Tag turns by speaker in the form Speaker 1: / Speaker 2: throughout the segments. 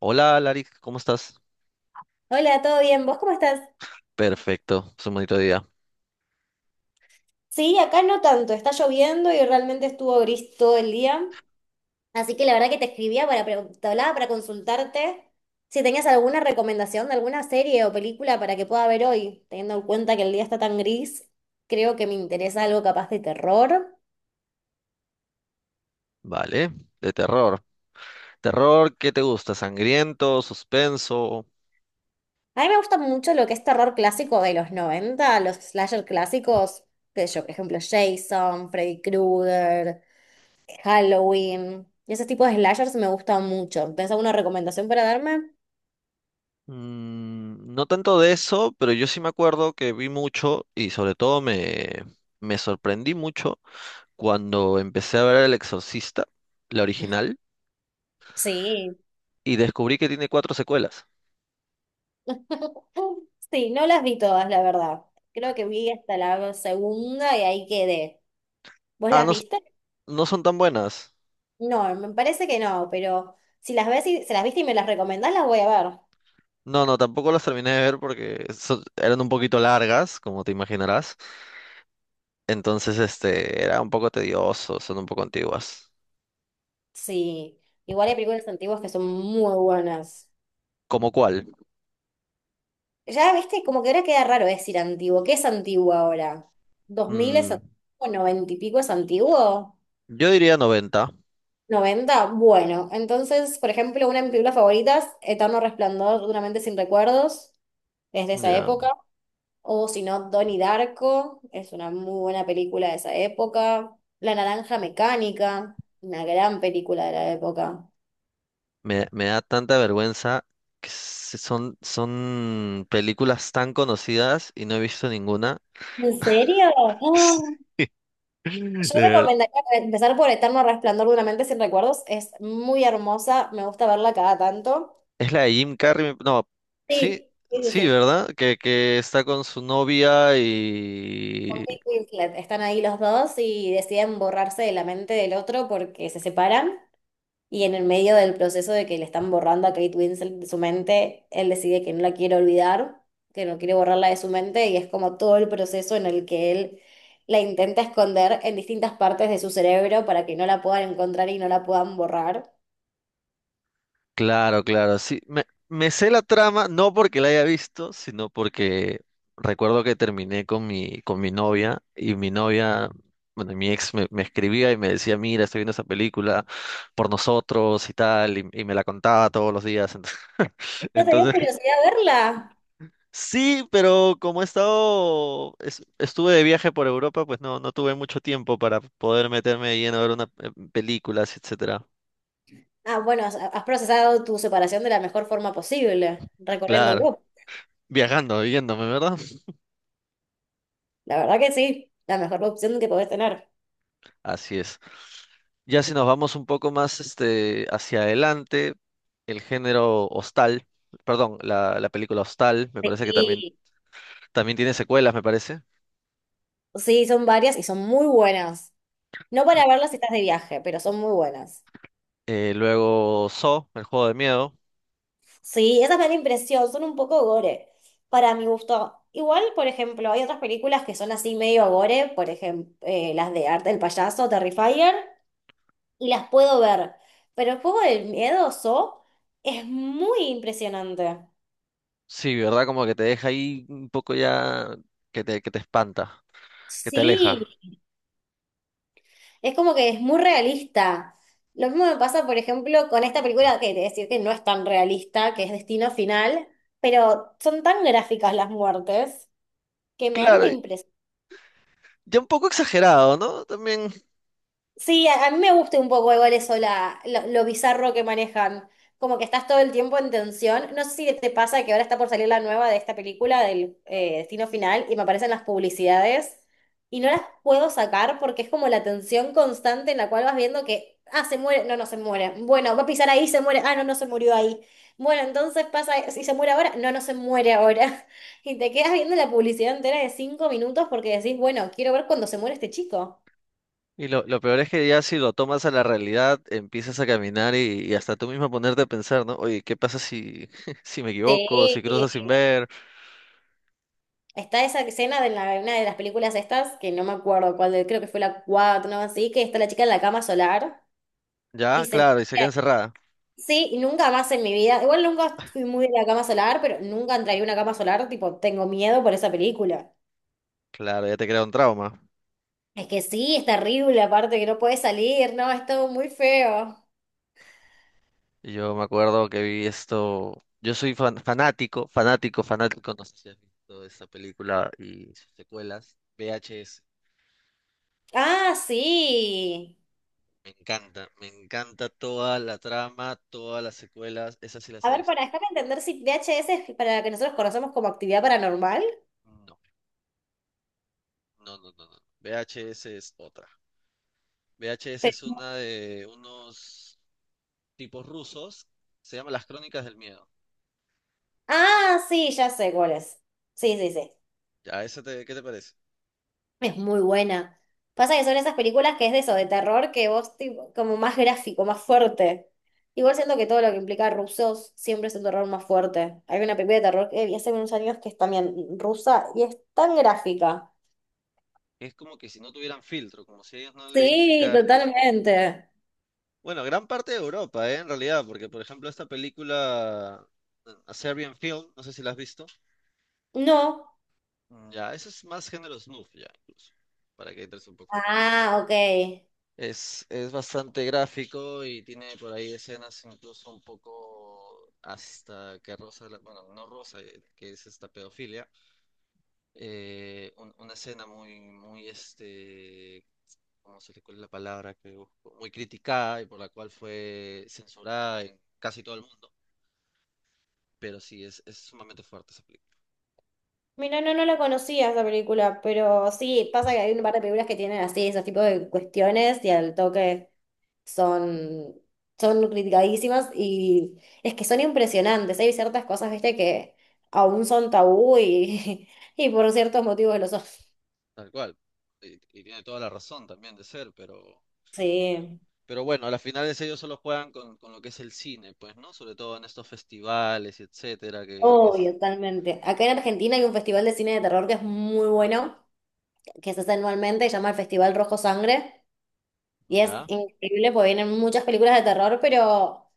Speaker 1: Hola, Larix, ¿cómo estás?
Speaker 2: Hola, ¿todo bien? ¿Vos cómo estás?
Speaker 1: Perfecto, es un bonito día.
Speaker 2: Sí, acá no tanto, está lloviendo y realmente estuvo gris todo el día. Así que la verdad que te escribía para, te hablaba para consultarte si tenías alguna recomendación de alguna serie o película para que pueda ver hoy, teniendo en cuenta que el día está tan gris, creo que me interesa algo capaz de terror.
Speaker 1: Vale, de terror. ¿Terror qué te gusta? ¿Sangriento? ¿Suspenso?
Speaker 2: A mí me gusta mucho lo que es terror clásico de los 90, los slasher clásicos, qué sé yo, por ejemplo, Jason, Freddy Krueger. Halloween. Ese tipo de slashers me gusta mucho. ¿Tenés alguna recomendación para darme?
Speaker 1: No tanto de eso, pero yo sí me acuerdo que vi mucho y sobre todo me sorprendí mucho cuando empecé a ver El Exorcista, la original,
Speaker 2: Sí.
Speaker 1: y descubrí que tiene cuatro secuelas.
Speaker 2: Sí, no las vi todas, la verdad. Creo que vi hasta la segunda y ahí quedé. ¿Vos
Speaker 1: Ah,
Speaker 2: las
Speaker 1: no,
Speaker 2: viste?
Speaker 1: no son tan buenas.
Speaker 2: No, me parece que no, pero si las viste y me las recomendás, las voy a ver.
Speaker 1: No, no, tampoco las terminé de ver porque eran un poquito largas, como te imaginarás. Entonces, este, era un poco tedioso, son un poco antiguas.
Speaker 2: Sí, igual hay películas antiguas que son muy buenas.
Speaker 1: ¿Cómo cuál?
Speaker 2: Ya, viste, como que ahora queda raro decir antiguo. ¿Qué es antiguo ahora? ¿Dos mil es
Speaker 1: Mm,
Speaker 2: antiguo? ¿90 y pico es antiguo?
Speaker 1: yo diría 90.
Speaker 2: Noventa. Bueno, entonces, por ejemplo, una de mis películas favoritas, Eterno Resplandor de una mente sin recuerdos, es de esa
Speaker 1: Ya.
Speaker 2: época. O si no, Donnie Darko, es una muy buena película de esa época. La Naranja Mecánica, una gran película de la época.
Speaker 1: Me da tanta vergüenza que son películas tan conocidas y no he visto ninguna.
Speaker 2: ¿En serio? Ah.
Speaker 1: De
Speaker 2: Yo
Speaker 1: ver-
Speaker 2: recomendaría empezar por Eterno Resplandor de una mente sin recuerdos. Es muy hermosa, me gusta verla cada tanto.
Speaker 1: Es la de Jim Carrey, no, sí,
Speaker 2: Sí, sí, sí,
Speaker 1: sí,
Speaker 2: sí.
Speaker 1: ¿verdad? Que está con su novia y
Speaker 2: Kate Winslet. Están ahí los dos y deciden borrarse de la mente del otro porque se separan. Y en el medio del proceso de que le están borrando a Kate Winslet de su mente, él decide que no la quiere olvidar, que no quiere borrarla de su mente. Y es como todo el proceso en el que él la intenta esconder en distintas partes de su cerebro para que no la puedan encontrar y no la puedan borrar.
Speaker 1: claro, claro, sí. Me sé la trama, no porque la haya visto, sino porque recuerdo que terminé con mi novia y mi novia, bueno, mi ex me escribía y me decía, mira, estoy viendo esa película por nosotros y tal, y me la contaba todos los días. Entonces,
Speaker 2: ¿No te dio
Speaker 1: entonces,
Speaker 2: curiosidad verla?
Speaker 1: sí, pero como he estado, estuve de viaje por Europa, pues no, no tuve mucho tiempo para poder meterme de lleno a ver una películas, etcétera.
Speaker 2: Ah, bueno, has procesado tu separación de la mejor forma posible, recorriendo
Speaker 1: Claro,
Speaker 2: Goop.
Speaker 1: viajando, yéndome, ¿verdad?
Speaker 2: La verdad que sí, la mejor opción que podés tener.
Speaker 1: Así es. Ya si nos vamos un poco más este, hacia adelante, el género Hostal, perdón, la película Hostal, me parece que también,
Speaker 2: Sí,
Speaker 1: también tiene secuelas, me parece.
Speaker 2: sí, son varias y son muy buenas. No para verlas si estás de viaje, pero son muy buenas.
Speaker 1: Luego Saw, el juego de miedo.
Speaker 2: Sí, esa me da la impresión, son un poco gore, para mi gusto. Igual, por ejemplo, hay otras películas que son así medio gore, por ejemplo, las de Arte del Payaso, Terrifier, y las puedo ver. Pero el juego del miedo, So, es muy impresionante.
Speaker 1: Sí, ¿verdad? Como que te deja ahí un poco ya que te espanta, que te aleja.
Speaker 2: Sí, es como que es muy realista. Lo mismo me pasa, por ejemplo, con esta película, que te decir que no es tan realista, que es Destino Final, pero son tan gráficas las muertes que me dan una
Speaker 1: Claro,
Speaker 2: impresión.
Speaker 1: ya un poco exagerado, ¿no? También
Speaker 2: Sí, a mí me gusta un poco igual eso, lo bizarro que manejan. Como que estás todo el tiempo en tensión. No sé si te pasa que ahora está por salir la nueva de esta película del Destino Final y me aparecen las publicidades y no las puedo sacar porque es como la tensión constante en la cual vas viendo que, ah, se muere, no, no se muere. Bueno, va a pisar ahí, se muere, ah, no, no se murió ahí. Bueno, entonces pasa, si se muere ahora, no, no se muere ahora. Y te quedas viendo la publicidad entera de 5 minutos porque decís, bueno, quiero ver cuando se muere este chico.
Speaker 1: y lo peor es que ya si lo tomas a la realidad, empiezas a caminar y hasta tú mismo a ponerte a pensar, ¿no? Oye, ¿qué pasa si me equivoco, si cruzo
Speaker 2: Sí,
Speaker 1: sin ver?
Speaker 2: está esa escena de una de las películas estas, que no me acuerdo cuál, creo que fue la 4 no así, que está la chica en la cama solar y
Speaker 1: Ya,
Speaker 2: se me...
Speaker 1: claro, y se queda encerrada.
Speaker 2: Sí, y nunca más en mi vida. Igual nunca fui muy de la cama solar, pero nunca entraría a una cama solar, tipo, tengo miedo por esa película.
Speaker 1: Claro, ya te crea un trauma.
Speaker 2: Es que sí, es terrible, aparte que no puedes salir, no, es todo muy feo.
Speaker 1: Y yo me acuerdo que vi esto, yo soy fanático, no sé si has visto esta película y sus secuelas, VHS.
Speaker 2: Ah, sí.
Speaker 1: Me encanta toda la trama, todas las secuelas, esas sí las
Speaker 2: A
Speaker 1: he
Speaker 2: ver,
Speaker 1: visto.
Speaker 2: para déjame entender si VHS es para la que nosotros conocemos como actividad paranormal.
Speaker 1: No, no, no, no, no. VHS es otra. VHS es
Speaker 2: Pero...
Speaker 1: una de unos tipos rusos, se llama Las Crónicas del Miedo.
Speaker 2: Ah, sí, ya sé cuál es. Sí, sí, sí.
Speaker 1: ¿Ya esa te, qué te parece?
Speaker 2: Es muy buena. Pasa que son esas películas que es de eso, de terror, que vos tipo, como más gráfico, más fuerte. Igual siento que todo lo que implica rusos siempre es un terror más fuerte. Hay una película de terror que vi hace unos años que es también rusa y es tan gráfica.
Speaker 1: Es como que si no tuvieran filtro, como si ellos no les
Speaker 2: Sí,
Speaker 1: aplicaran...
Speaker 2: totalmente.
Speaker 1: Bueno, gran parte de Europa, ¿eh? En realidad, porque por ejemplo esta película, A Serbian Film, no sé si la has visto.
Speaker 2: No.
Speaker 1: Mm. Ya, eso es más género snuff, ya, incluso, para que entres un poco con-
Speaker 2: Ah, ok.
Speaker 1: es bastante gráfico y tiene por ahí escenas incluso un poco hasta que rosa, bueno, no rosa, que es esta pedofilia. Una escena muy, muy, este, ¿cómo se le cuál es la palabra que busco? Muy criticada y por la cual fue censurada en casi todo el mundo. Pero sí, es sumamente fuerte esa película.
Speaker 2: Mira, no, no la conocía esa película, pero sí, pasa que hay un par de películas que tienen así esos tipos de cuestiones y al toque. son, son criticadísimas y es que son impresionantes. Hay ciertas cosas, viste, que aún son tabú y, y por ciertos motivos lo son.
Speaker 1: Tal cual. Y tiene toda la razón también de ser,
Speaker 2: Sí,
Speaker 1: pero bueno, a las finales ellos solo juegan con lo que es el cine, pues, ¿no? Sobre todo en estos festivales y etcétera, que es...
Speaker 2: obvio, totalmente. Acá en Argentina hay un festival de cine de terror que es muy bueno, que se hace anualmente, se llama el Festival Rojo Sangre y es
Speaker 1: ¿Ya?
Speaker 2: increíble porque vienen muchas películas de terror, pero...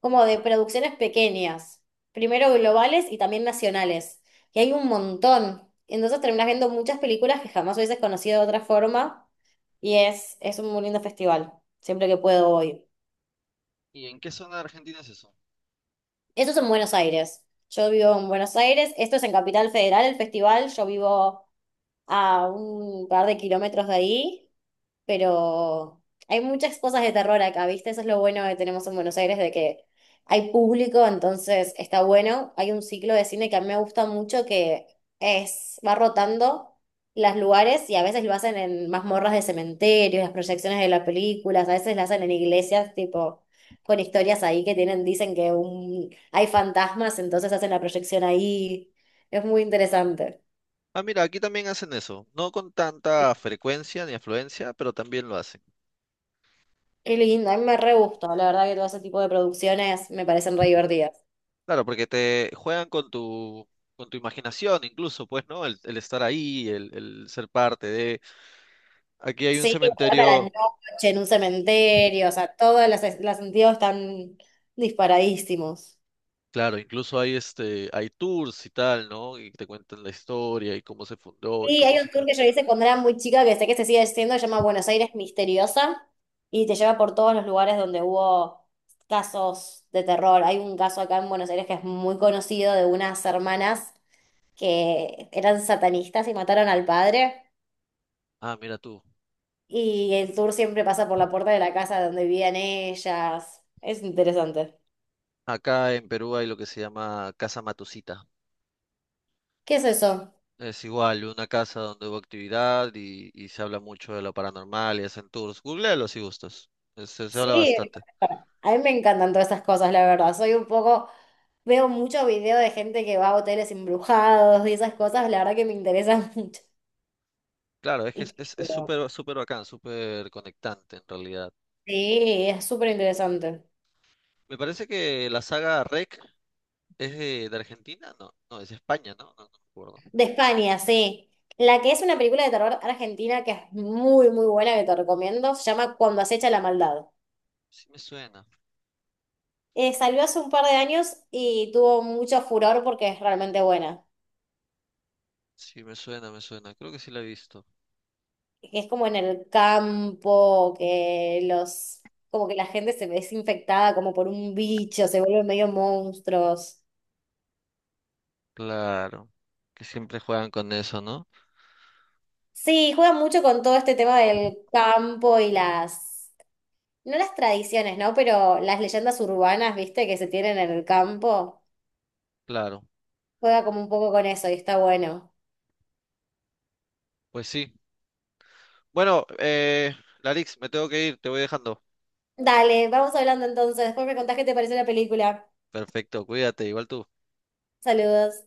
Speaker 2: como de producciones pequeñas, primero globales y también nacionales, que hay un montón. Entonces terminas viendo muchas películas que jamás hubieses conocido de otra forma y es un muy lindo festival, siempre que puedo voy.
Speaker 1: ¿Y en qué zona de Argentina es eso?
Speaker 2: Eso es en Buenos Aires. Yo vivo en Buenos Aires, esto es en Capital Federal, el festival, yo vivo a un par de kilómetros de ahí, pero hay muchas cosas de terror acá, ¿viste? Eso es lo bueno que tenemos en Buenos Aires, de que hay público, entonces está bueno. Hay un ciclo de cine que a mí me gusta mucho que va rotando los lugares y a veces lo hacen en mazmorras de cementerios, las proyecciones de las películas, a veces lo hacen en iglesias, tipo, con historias ahí que tienen, dicen que hay fantasmas, entonces hacen la proyección ahí. Es muy interesante.
Speaker 1: Ah, mira, aquí también hacen eso. No con tanta frecuencia ni afluencia, pero también lo hacen.
Speaker 2: Qué lindo, a mí me re gustó, la verdad que todo ese tipo de producciones me parecen re divertidas.
Speaker 1: Claro, porque te juegan con tu imaginación incluso, pues, ¿no? El estar ahí, el ser parte de... Aquí hay un
Speaker 2: Sí, trata la
Speaker 1: cementerio,
Speaker 2: noche en un cementerio, o sea, todos los sentidos están disparadísimos.
Speaker 1: claro, incluso hay este, hay tours y tal, ¿no? Y te cuentan la historia y cómo se fundó y
Speaker 2: Sí,
Speaker 1: cómo
Speaker 2: hay
Speaker 1: se
Speaker 2: un tour
Speaker 1: creó.
Speaker 2: que yo hice cuando era muy chica, que sé que se sigue haciendo, se llama Buenos Aires Misteriosa, y te lleva por todos los lugares donde hubo casos de terror. Hay un caso acá en Buenos Aires que es muy conocido de unas hermanas que eran satanistas y mataron al padre.
Speaker 1: Ah, mira tú.
Speaker 2: Y el tour siempre pasa por la puerta de la casa donde vivían ellas. Es interesante.
Speaker 1: Acá en Perú hay lo que se llama Casa Matusita.
Speaker 2: ¿Qué es eso?
Speaker 1: Es igual, una casa donde hubo actividad y se habla mucho de lo paranormal y hacen tours. Googlealo si gustas. Es- se habla
Speaker 2: Sí,
Speaker 1: bastante.
Speaker 2: a mí me encantan todas esas cosas, la verdad. Soy un poco, veo mucho video de gente que va a hoteles embrujados y esas cosas, la verdad que me interesan mucho.
Speaker 1: Claro, es que
Speaker 2: Y qué
Speaker 1: es súper, súper bacán, súper conectante en realidad.
Speaker 2: Sí, es súper interesante.
Speaker 1: Me parece que la saga REC es de Argentina, no, no, es de España, ¿no? No, no me acuerdo.
Speaker 2: De España, sí. La que es una película de terror argentina que es muy, muy buena, que te recomiendo, se llama Cuando acecha la maldad.
Speaker 1: Sí me suena,
Speaker 2: Salió hace un par de años y tuvo mucho furor porque es realmente buena.
Speaker 1: sí me suena, creo que sí la he visto.
Speaker 2: Que es como en el campo, que como que la gente se ve infectada como por un bicho, se vuelven medio monstruos.
Speaker 1: Claro, que siempre juegan con eso, ¿no?
Speaker 2: Sí, juegan mucho con todo este tema del campo y las, no las tradiciones, ¿no? Pero las leyendas urbanas, ¿viste? Que se tienen en el campo.
Speaker 1: Claro,
Speaker 2: Juega como un poco con eso y está bueno.
Speaker 1: pues sí. Bueno, Larix, me tengo que ir, te voy dejando.
Speaker 2: Dale, vamos hablando entonces. Después me contás qué te pareció la película.
Speaker 1: Perfecto, cuídate, igual tú.
Speaker 2: Saludos.